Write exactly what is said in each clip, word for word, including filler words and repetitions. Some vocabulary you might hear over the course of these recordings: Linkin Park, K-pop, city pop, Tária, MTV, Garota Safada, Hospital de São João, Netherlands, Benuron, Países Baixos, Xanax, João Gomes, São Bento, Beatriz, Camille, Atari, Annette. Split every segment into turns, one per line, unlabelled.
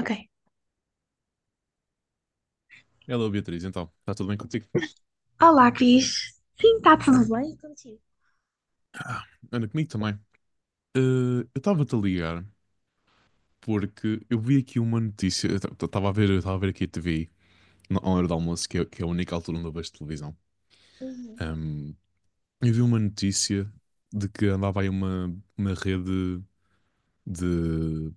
Ok.
Hello Beatriz, então, está tudo bem contigo?
Olá, Cris. Sim, está tudo bem contigo?
Anda comigo também. Eh, eu estava-te a ligar porque eu vi aqui uma notícia, eu estava a ver, eu estava a ver aqui a T V na hora do almoço, que é, que é a única altura onde eu vejo televisão.
Uhum.
Ahm, eu vi uma notícia de que andava aí uma, uma rede de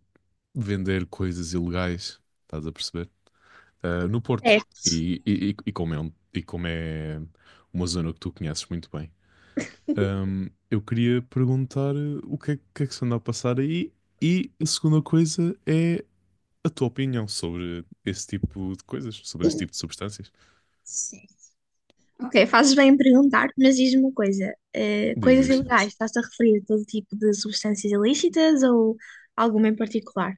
vender coisas ilegais, estás a perceber? Ah, no Porto.
Certo,
E, e, e- e como é, um- e como é uma zona que tu conheces muito bem. Ahm, eu queria perguntar eh, o que é que, é que se anda a passar aí e a segunda coisa é a tua opinião sobre esse tipo de coisas, sobre esse tipo de substâncias.
certo. Ok, fazes bem em perguntar, mas diz-me uma coisa: eh,
Diz
coisas
isto.
ilegais, estás-te a referir a todo tipo de substâncias ilícitas ou alguma em particular?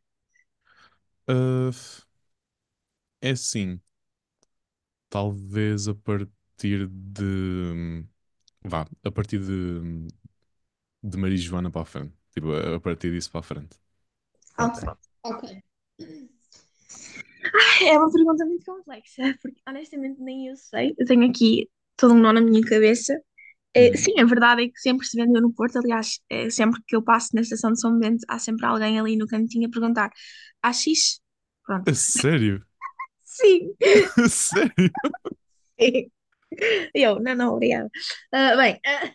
É assim, talvez a partir de... vá, a partir de, de marijuana para a frente. Tipo, a a partir disso para a frente.
Ok,
Pronto.
ok. É uma pergunta muito complexa, porque honestamente nem eu sei. Eu tenho aqui todo um nó na minha cabeça. Eh,
Uhum.
sim, a verdade é que sempre se vendeu no Porto. Aliás, eh, sempre que eu passo na estação de São Bento, há sempre alguém ali no cantinho a perguntar: há X? Pronto.
A sério?
Sim.
A sério?
Eu, não, não, obrigada. Ah, bem, ah,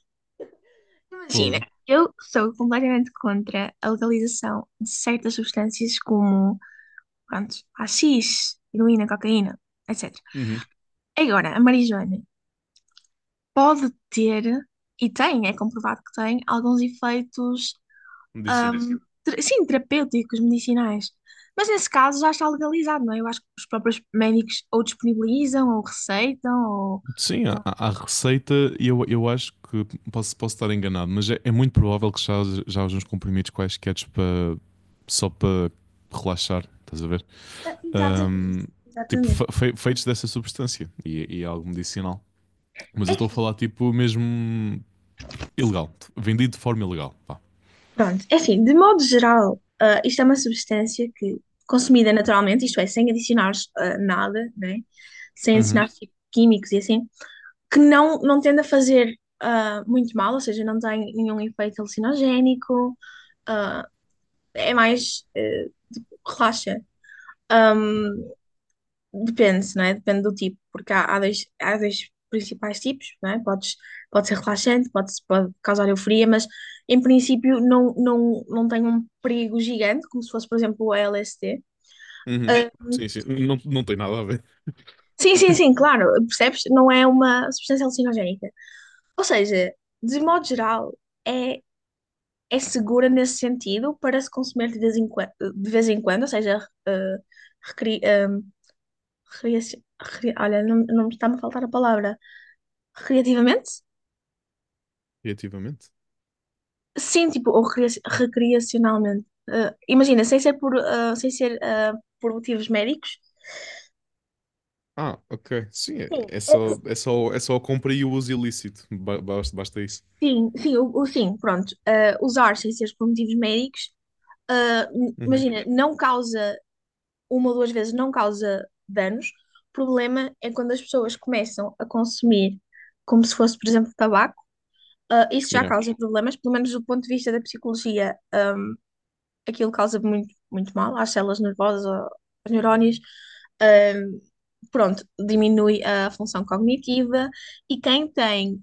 imagina,
Fogo.
eu sou completamente contra a legalização de certas substâncias como, pronto, A X, heroína, cocaína, et cetera.
Uhum.
Agora, a marijuana pode ter, e tem, é comprovado que tem, alguns efeitos
Medicinais.
ahm, ter- sim, terapêuticos, medicinais. Mas nesse caso já está legalizado, não é? Eu acho que os próprios médicos ou disponibilizam, ou receitam, ou.
Sim, a,
Pronto.
a a receita, eu, eu acho que posso, posso estar enganado, mas é, é muito provável que já, já haja uns comprimidos quaisquer para só para relaxar, estás a ver?
Ah, exatamente,
Ahm, tipo,
exatamente.
fe- fe- feitos dessa substância e, e é algo medicinal. Mas
É
eu estou a
assim.
falar, tipo, mesmo ilegal, vendido de forma ilegal. Pá.
Pronto, é assim, de modo geral, ah, isto é uma substância que, consumida naturalmente, isto é, sem adicionar ah, nada, né? Sem
Uhum.
adicionar fi- químicos e assim, que não, não tende a fazer ah, muito mal, ou seja, não tem nenhum efeito alucinogénico, ah, é mais, eh, relaxante. Depende, não é? Depende do tipo, porque há, há dois, há dois principais tipos, não é? Podes, pode ser relaxante, pode, pode causar euforia, mas em princípio não, não, não tem um perigo gigante, como se fosse, por exemplo, o L S D.
Uhum.
Ah,
Sim, sim. Não, não tem nada a ver.
sim, sim, sim, claro, percebes? Não é uma substância alucinogénica. Ou seja, de modo geral, é, é segura nesse sentido para se consumir de vez em, quando, de vez em quando, ou seja, ah, recri, ah, recria- recria- olha, não, não me está-me a faltar a palavra. Recreativamente?
Criativamente.
Sim, tipo, ou recria- recreacionalmente. Ah, imagina, sem ser por, ah, sem ser, ah, por motivos médicos.
Ah, ok. Sim, é
Sim,
é
é-
só, é só, é só a compra e o uso ilícito. Ba- Basta, basta isso.
sim, sim, o, o- sim, pronto. Ah, usar sem ser por motivos médicos, ah, n-
Uhum.
imagina, não causa, uma ou duas vezes não causa danos. O problema é quando as pessoas começam a consumir como se fosse, por exemplo, tabaco. Ah, isso já
Yeah.
causa problemas, pelo menos do ponto de vista da psicologia, aquilo causa muito, muito mal às células nervosas, ao- aos neurónios. Pronto, diminui a função cognitiva e quem tem,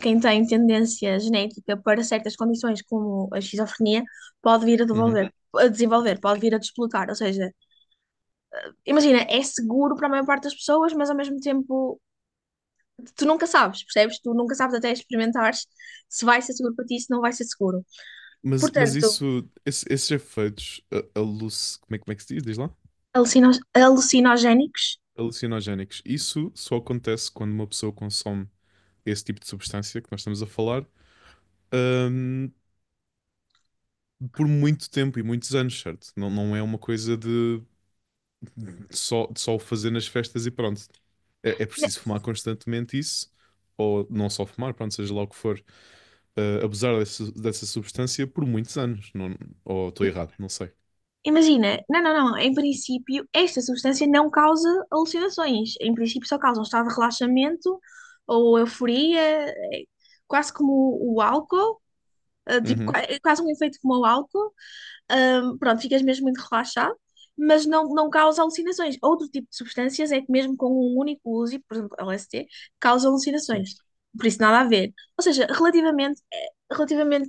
quem tem tendência genética para certas condições, como a esquizofrenia, pode vir a
Uhum.
devolver. A desenvolver, pode vir a desbloquear, ou seja, imagina, é seguro para a maior parte das pessoas, mas ao mesmo tempo tu nunca sabes, percebes? Tu nunca sabes até experimentares se vai ser seguro para ti, se não vai ser seguro.
Mas, mas
Portanto,
isso, esse- esses efeitos a- aluc... como é, como é que se diz? Diz lá?
alucinos, alucinogénicos.
Alucinogénicos. Isso só acontece quando uma pessoa consome esse tipo de substância que nós estamos a falar, hum, por muito tempo e muitos anos, certo? Não, não é uma coisa de só, de só o fazer nas festas e pronto. É, é preciso fumar constantemente isso, ou não só fumar, pronto, seja lá o que for, ah, abusar dessa, dessa substância por muitos anos. Não, ou estou errado, não sei.
Imagina, não, não, não, em princípio, esta substância não causa alucinações. Em princípio, só causa um estado de relaxamento ou euforia, eh, quase como o álcool, eh, tipo,
Uhum,
qua- é quase um efeito como o álcool. Hum, pronto, ficas mesmo muito relaxado, mas não, não causa alucinações. Outro tipo de substâncias é que mesmo com um único uso, e, por exemplo, L S D, causa
sim.
alucinações. Por isso nada a ver. Ou seja, relativamente, eh, relativamente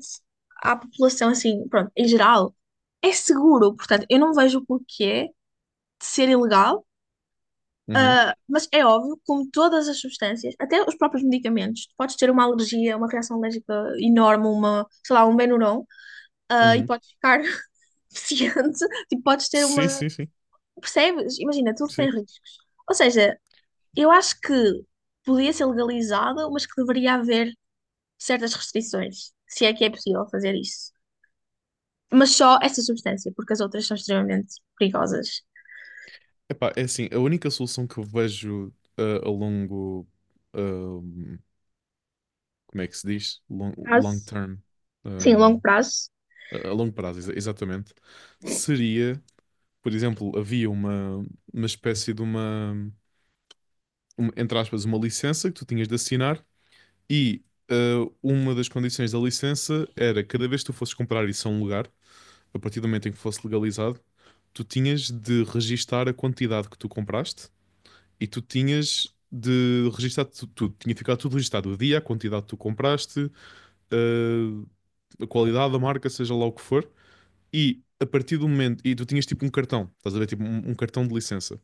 à população, assim, pronto, em geral, é seguro. Portanto, eu não vejo o porquê de ser ilegal,
Uhum,
mas é óbvio, como todas as substâncias, até os próprios medicamentos, tu podes ter uma alergia, uma reação alérgica enorme, uma, sei lá, um Benuron, ah, e
uhum.
podes ficar deficiente, tipo, podes ter
Sim,
uma.
sim, sim,
Percebes? Imagina, tudo tem
sim.
riscos. Ou seja, eu acho que podia ser legalizado, mas que deveria haver certas restrições, se é que é possível fazer isso. Mas só essa substância, porque as outras são extremamente perigosas.
Epá, é assim, a única solução que eu vejo ah, a longo, ahm, como é que se diz? Long, long
Prazo,
term,
sim, longo
ahm,
prazo.
a a longo prazo, exa- exatamente, seria, por exemplo, havia uma, uma espécie de uma, uma, entre aspas, uma licença que tu tinhas de assinar e ah, uma das condições da licença era cada vez que tu fosses comprar isso a um lugar, a partir do momento em que fosse legalizado, tu tinhas de registar a quantidade que tu compraste e tu tinhas de registar tu- tudo. tu, Tinha que ficar tudo registado. O dia, a quantidade que tu compraste, eh, a qualidade, a marca, seja lá o que for. E a partir do momento. E tu tinhas tipo um cartão, estás a ver? Tipo um, um cartão de licença.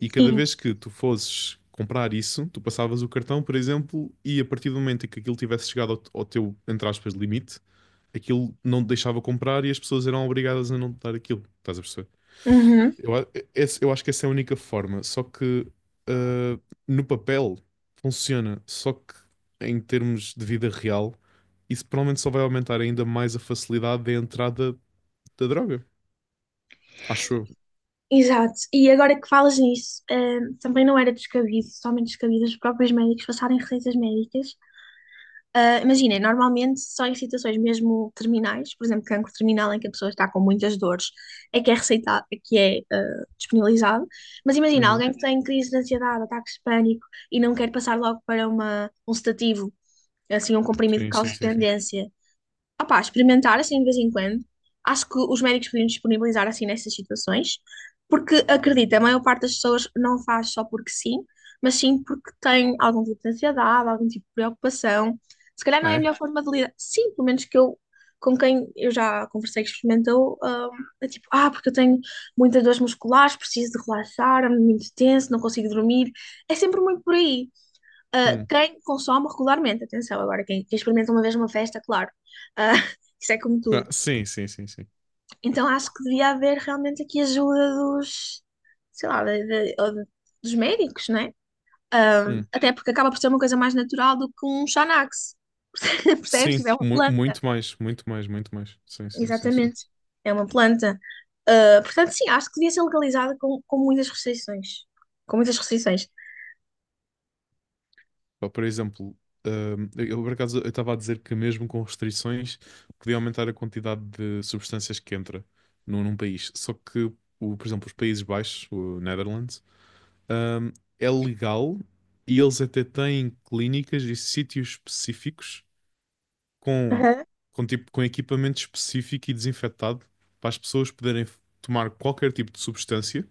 E cada
Sim.
vez que tu fosses comprar isso, tu passavas o cartão, por exemplo, e a partir do momento em que aquilo tivesse chegado ao, ao teu, entre aspas, limite, aquilo não te deixava comprar e as pessoas eram obrigadas a não te dar aquilo. Estás a perceber?
Uhum.
Eu, a- esse- eu acho que essa é a única forma. Só que ah, no papel funciona. Só que em termos de vida real, isso provavelmente só vai aumentar ainda mais a facilidade de entrada da droga. Acho eu.
Exato. E agora que falas nisso, eh, também não era descabido, somente descabido os próprios médicos passarem receitas médicas. Ah, imaginem, normalmente só em situações mesmo terminais, por exemplo, cancro terminal em que a pessoa está com muitas dores, é que é receitado, é que é ah, disponibilizado. Mas imagina,
Uhum.
alguém que tem crise de ansiedade, ataques de pânico e não quer passar logo para uma, um sedativo, assim, um comprimido que
Sim,
cause
sim, sim, sim.
dependência, opá, experimentar assim de vez em quando. Acho que os médicos podiam disponibilizar assim nessas situações, porque acredita, a maior parte das pessoas não faz só porque sim, mas sim porque tem algum tipo de ansiedade, algum tipo de preocupação. Se calhar não é
Ah,
a
é?
melhor forma de lidar. Sim, pelo menos que eu, com quem eu já conversei que experimentou, ah, é tipo, ah, porque eu tenho muitas dores musculares, preciso de relaxar, ando muito tenso, não consigo dormir. É sempre muito por aí. Uh,
Hum.
quem consome regularmente, atenção, agora quem, quem experimenta uma vez uma festa, claro, uh, isso é como
Ah,
tudo.
sim, sim, sim, sim.
Então acho que devia haver realmente aqui ajuda dos, sei lá, de- de- ou de- dos médicos, né? Uh,
Hum.
até porque acaba por ser uma coisa mais natural do que um Xanax, percebes?
Sim,
Tipo, é uma
mu-
planta,
muito mais, muito mais, muito mais. Sim, sim, sim, sim.
exatamente, é uma planta. Uh, portanto, sim, acho que devia ser legalizada com, com, muitas restrições. Com muitas restrições.
Pá, por exemplo, hum, eu por acaso eu estava a dizer que mesmo com restrições podia aumentar a quantidade de substâncias que entra num, num país. Só que, o, por exemplo, os Países Baixos, o Netherlands, hum, é legal e eles até têm clínicas e sítios específicos com,
Aham,
com, tipo, com equipamento específico e desinfetado para as pessoas poderem f- tomar qualquer tipo de substância,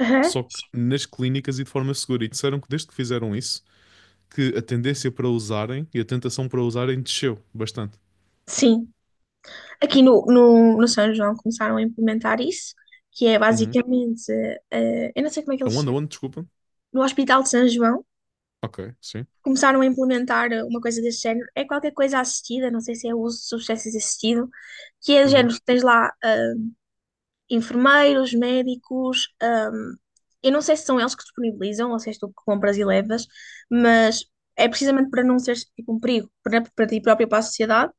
aham.
só que nas clínicas e de forma segura. E disseram que desde que fizeram isso que a tendência para usarem e a tentação para usarem desceu bastante.
Sim. Aqui no, no, no São João começaram a implementar isso, que é
Uhum.
basicamente, eh, eu não sei como é que
A
eles
onda
chamam,
One, desculpa.
no Hospital de São João,
Ok, sim.
começaram a implementar uma coisa desse género. É qualquer coisa assistida, não sei se é o uso de substâncias assistido, que é do
Uhum.
género, tens lá eh, enfermeiros, médicos, ahm, eu não sei se são eles que disponibilizam ou se és tu que compras e levas, mas é precisamente para não seres tipo um perigo para, para ti próprio e para a sociedade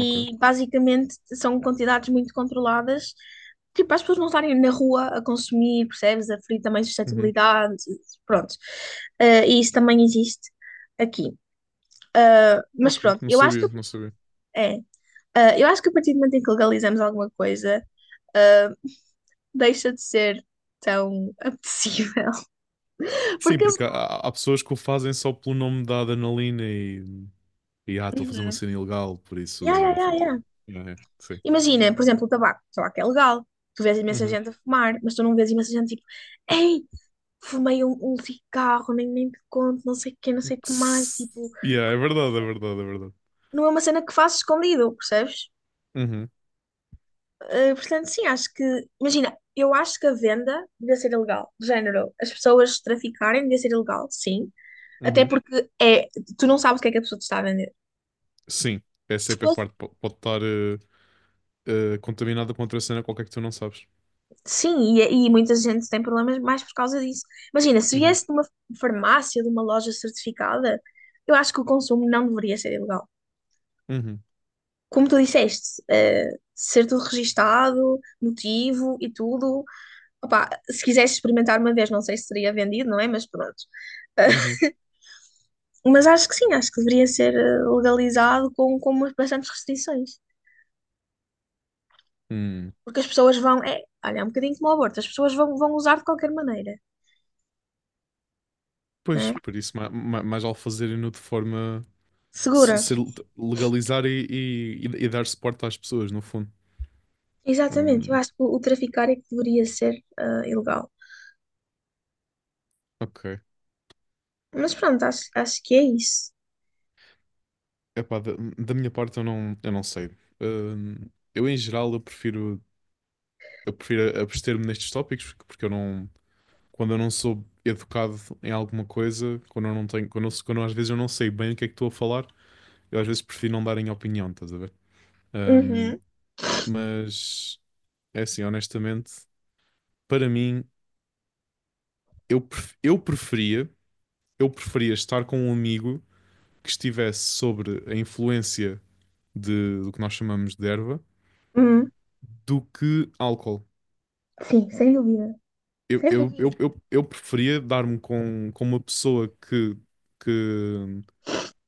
Ok.
basicamente são quantidades muito controladas, tipo, para as pessoas não estarem na rua a consumir, percebes? A ferir também
Uhum.
suscetibilidade, pronto. Eh, e isso também existe aqui. Mas
Ok.
pronto,
Não
eu acho que
sabia, não sabia.
é, eh, eu acho que a partir do momento em que legalizamos alguma coisa, deixa de ser tão apetecível.
Sim,
Porque.
porque há, há há pessoas que o fazem só pelo nome da adrenalina e, e ah, estou a fazer uma
Uhum.
cena ilegal, por
Ya, ya,
isso.
ya,
tô-
ya.
É, sim.
Imagina, por exemplo, o tabaco. O tabaco é legal. Tu vês imensa
Uhum.
gente a fumar, mas tu não vês imensa gente tipo, ei, fumei um, um cigarro, nem, nem te conto, não sei o quê, não sei o que mais.
Tss.
Tipo,
Yeah, é verdade, é verdade, é verdade.
não é uma cena que faço escondido, percebes?
Uhum.
Eh, portanto, sim, acho que. Imagina, eu acho que a venda devia ser ilegal. De género, as pessoas traficarem devia ser ilegal, sim. Até
Uhum.
porque é, tu não sabes o que é que a pessoa te está a vender.
Sim, essa
Se
é que a
fosse-
parte po- pode estar eh, eh, contaminada com outra cena qualquer que tu não sabes.
Sim, e, e muita gente tem problemas mais por causa disso. Imagina, se
Uhum.
viesse de uma farmácia, de uma loja certificada, eu acho que o consumo não deveria ser ilegal.
Uhum.
Como tu disseste, eh, ser tudo registado, motivo e tudo. Opá, se quisesse experimentar uma vez, não sei se seria vendido, não é? Mas pronto.
Uhum.
Uh, Mas acho que sim, acho que deveria ser eh, legalizado com, com, umas bastantes restrições.
Hum.
Porque as pessoas vão, é, olha, é um bocadinho como o aborto, as pessoas vão, vão usar de qualquer maneira, não
Pois,
é?
por isso, ma- ma- mais, vale fazerem-no de forma. se-
Segura.
se legalizar e, e, e- e dar suporte às pessoas, no fundo.
Exatamente, eu
Hum,
acho que o, traficar é que deveria ser eh, ilegal.
ok.
Mas pronto, acho, acho que é isso.
Epá, da, da minha parte, eu não, eu não sei. Hum, eu, em geral, eu prefiro, eu prefiro abster-me nestes tópicos, porque eu não. Quando eu não sou educado em alguma coisa, quando eu não tenho. Quando, eu, quando eu, às vezes eu não sei bem o que é que estou a falar, eu às vezes prefiro não dar em opinião, estás a ver? Hum,
Uhum.
mas, é assim, honestamente, para mim. eu, pref- eu preferia, eu preferia estar com um amigo que estivesse sobre a influência de, do que nós chamamos de erva
Uhum.
do que álcool.
Sim, sem dúvida.
Eu,
Sem
eu, eu,
dúvida.
eu, eu preferia dar-me com, com uma pessoa que, que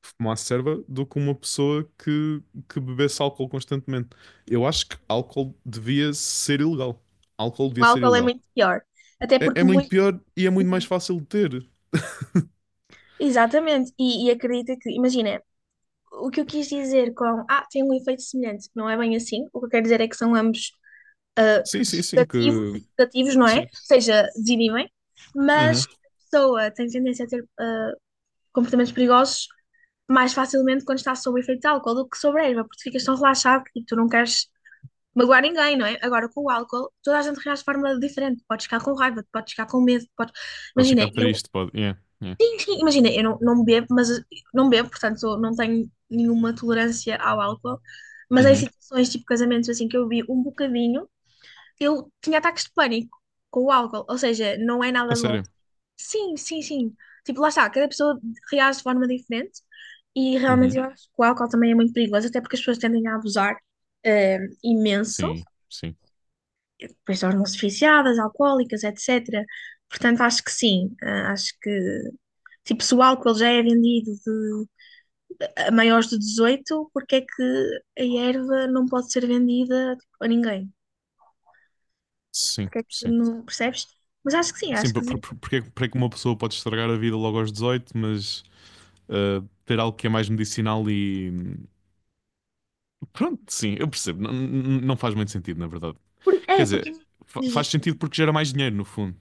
fumasse erva do que uma pessoa que, que bebesse álcool constantemente. Eu acho que álcool devia ser ilegal. Álcool
Sim, o
devia ser
álcool é
ilegal.
muito pior. Até
É,
porque
é muito
muito.
pior e é muito mais
Uhum.
fácil de ter.
Exatamente. E, e acredita que, imagina, o que eu quis dizer com. Ah, tem um efeito semelhante. Não é bem assim. O que eu quero dizer é que são ambos ah,
Sim, sim, sim,
sedativos,
que...
sedativos, não é? Ou
Sim.
seja, desinibem. Mas
Uhum.
a pessoa tem tendência a ter ah, comportamentos perigosos mais facilmente quando está sob o efeito de álcool do que sobre a erva, porque ficas tão relaxado e tu não queres magoar ninguém, não é? Agora, com o álcool, toda a gente reage de forma diferente. Podes ficar com raiva, podes ficar com medo, podes...
Pode
Imagina,
ficar
eu.
triste, pode. Yeah, yeah.
Enfim, imagina, eu não, não bebo, mas não bebo, portanto eu não tenho nenhuma tolerância ao álcool, mas em
Uhum.
situações tipo casamentos assim que eu vi um bocadinho, eu tinha ataques de pânico com o álcool, ou seja, não é
A
nada bom.
sério?
Sim, sim, sim. Tipo, lá está, cada pessoa reage de forma diferente e realmente
Uhum.
eu acho que o álcool também é muito perigoso, até porque as pessoas tendem a abusar eh, imenso,
Sim, sim,
depois tornam-se viciadas, alcoólicas, etecétera. Portanto, acho que sim, eh, acho que tipo, se o álcool já é vendido a maiores de dezoito, porque é que a erva não pode ser vendida tipo, a ninguém?
sim,
Porque é que
sim.
não percebes? Mas acho que sim,
Sim,
acho
por-
que sim.
por- por- porque, é que- porque é que uma pessoa pode estragar a vida logo aos dezoito, mas ah, ter algo que é mais medicinal e. Pronto, sim, eu percebo. Não, não não faz muito sentido, na verdade.
Por-
Quer
É,
dizer,
porque
fa-
diz
faz
isto.
sentido porque gera mais dinheiro, no fundo.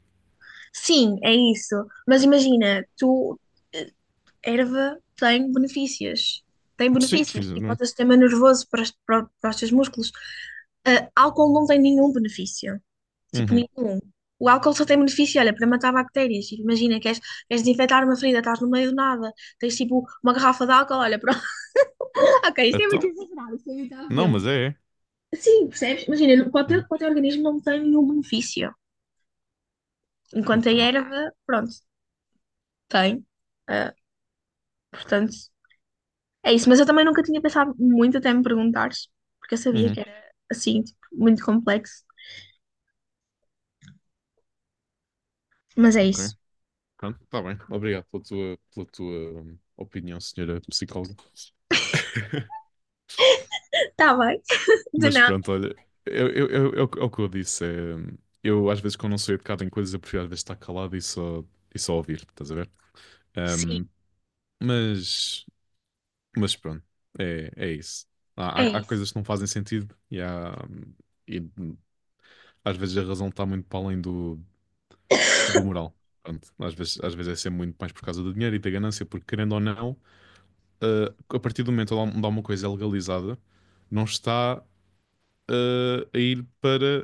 Sim, é isso. Mas imagina, tu eh, erva tem benefícios. Tem
Sim,
benefícios, tipo o
exatamente.
sistema nervoso para, os- para, para os teus músculos. Ah, álcool não tem nenhum benefício. Tipo,
Uhum.
nenhum. O álcool só tem benefício, olha, para matar bactérias. Tipo, imagina, queres, queres, desinfetar uma ferida, estás no meio do nada, tens tipo uma garrafa de álcool, olha, pronto. Ok, isto é muito
Então? Não,
exagerável.
mas é, é.
Sim, percebes? Imagina, para o
Uhum.
teu, para o teu organismo não tem nenhum benefício. Enquanto a
Ok.
erva, pronto, tem. Ah, portanto. É isso, mas eu também nunca tinha pensado muito até me perguntares, porque eu sabia
Uhum.
que era assim, tipo, muito complexo. Mas é
Ok.
isso.
Pronto, está bem. Obrigado pela tua, pela tua hum, opinião, senhora psicóloga.
Tá bem? De
Mas
nada.
pronto, olha, eu, eu, eu, é o que é o que eu disse. É, eu às vezes quando não sou educado em coisas, eu prefiro às vezes estar calado e só, e só ouvir, estás a ver? Ahm,
Sim,
mas, mas pronto, é, é isso. Há,
é
há- há
isso.
coisas que não fazem sentido e, há, e às vezes a razão está muito para além do, do moral. Pronto, às vezes, às vezes é sempre muito mais por causa do dinheiro e da ganância, porque querendo ou não, ah, a partir do momento onde há onde há uma coisa é legalizada, não está ah, a ir para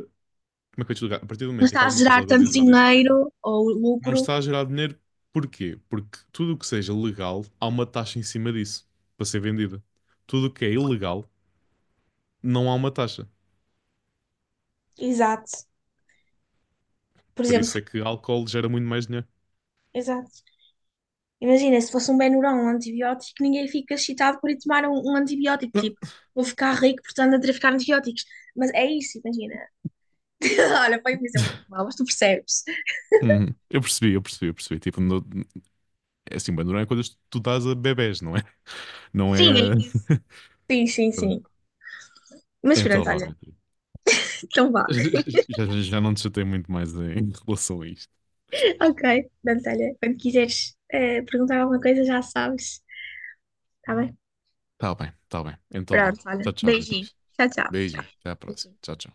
como é que eu te explicar? A partir do
Não
momento em que
está a
alguma coisa é
gerar tanto
legalizada e tu
dinheiro ou
não
lucro.
está a gerar dinheiro, porquê? Porque tudo o que seja legal, há uma taxa em cima disso para ser vendida. Tudo o que é ilegal, não há uma taxa.
Exato. Por
Por
exemplo,
isso é que álcool gera muito mais dinheiro.
exato. Imagina, se fosse um Benuron, um antibiótico, ninguém fica excitado por ir tomar um, um antibiótico. Tipo, vou ficar rico, portanto, a traficar antibióticos. Mas é isso, imagina. Olha, foi um exemplo muito mau, mas tu percebes.
Uhum. Eu percebi, eu percebi, eu percebi. Tipo, no- é assim, Bandurão é coisas que tu dás a bebés, não é? Não
Sim, é
é.
isso. Sim, sim,
Pronto.
sim. Mas
Então
pronto,
vá,
olha.
Beatriz.
Então vá.
Já, já- já não te chatei muito mais em relação a isto.
Ok, portanto, olha, quando quiseres eh, perguntar alguma coisa já sabes, tá bem?
Tá bem, tá bem. Então vá.
Pronto, olha,
Tchau, tchau,
beijinho.
Beatriz.
Tchau, tchau,
Beijinho.
tchau.
Até à próxima. Tchau, tchau.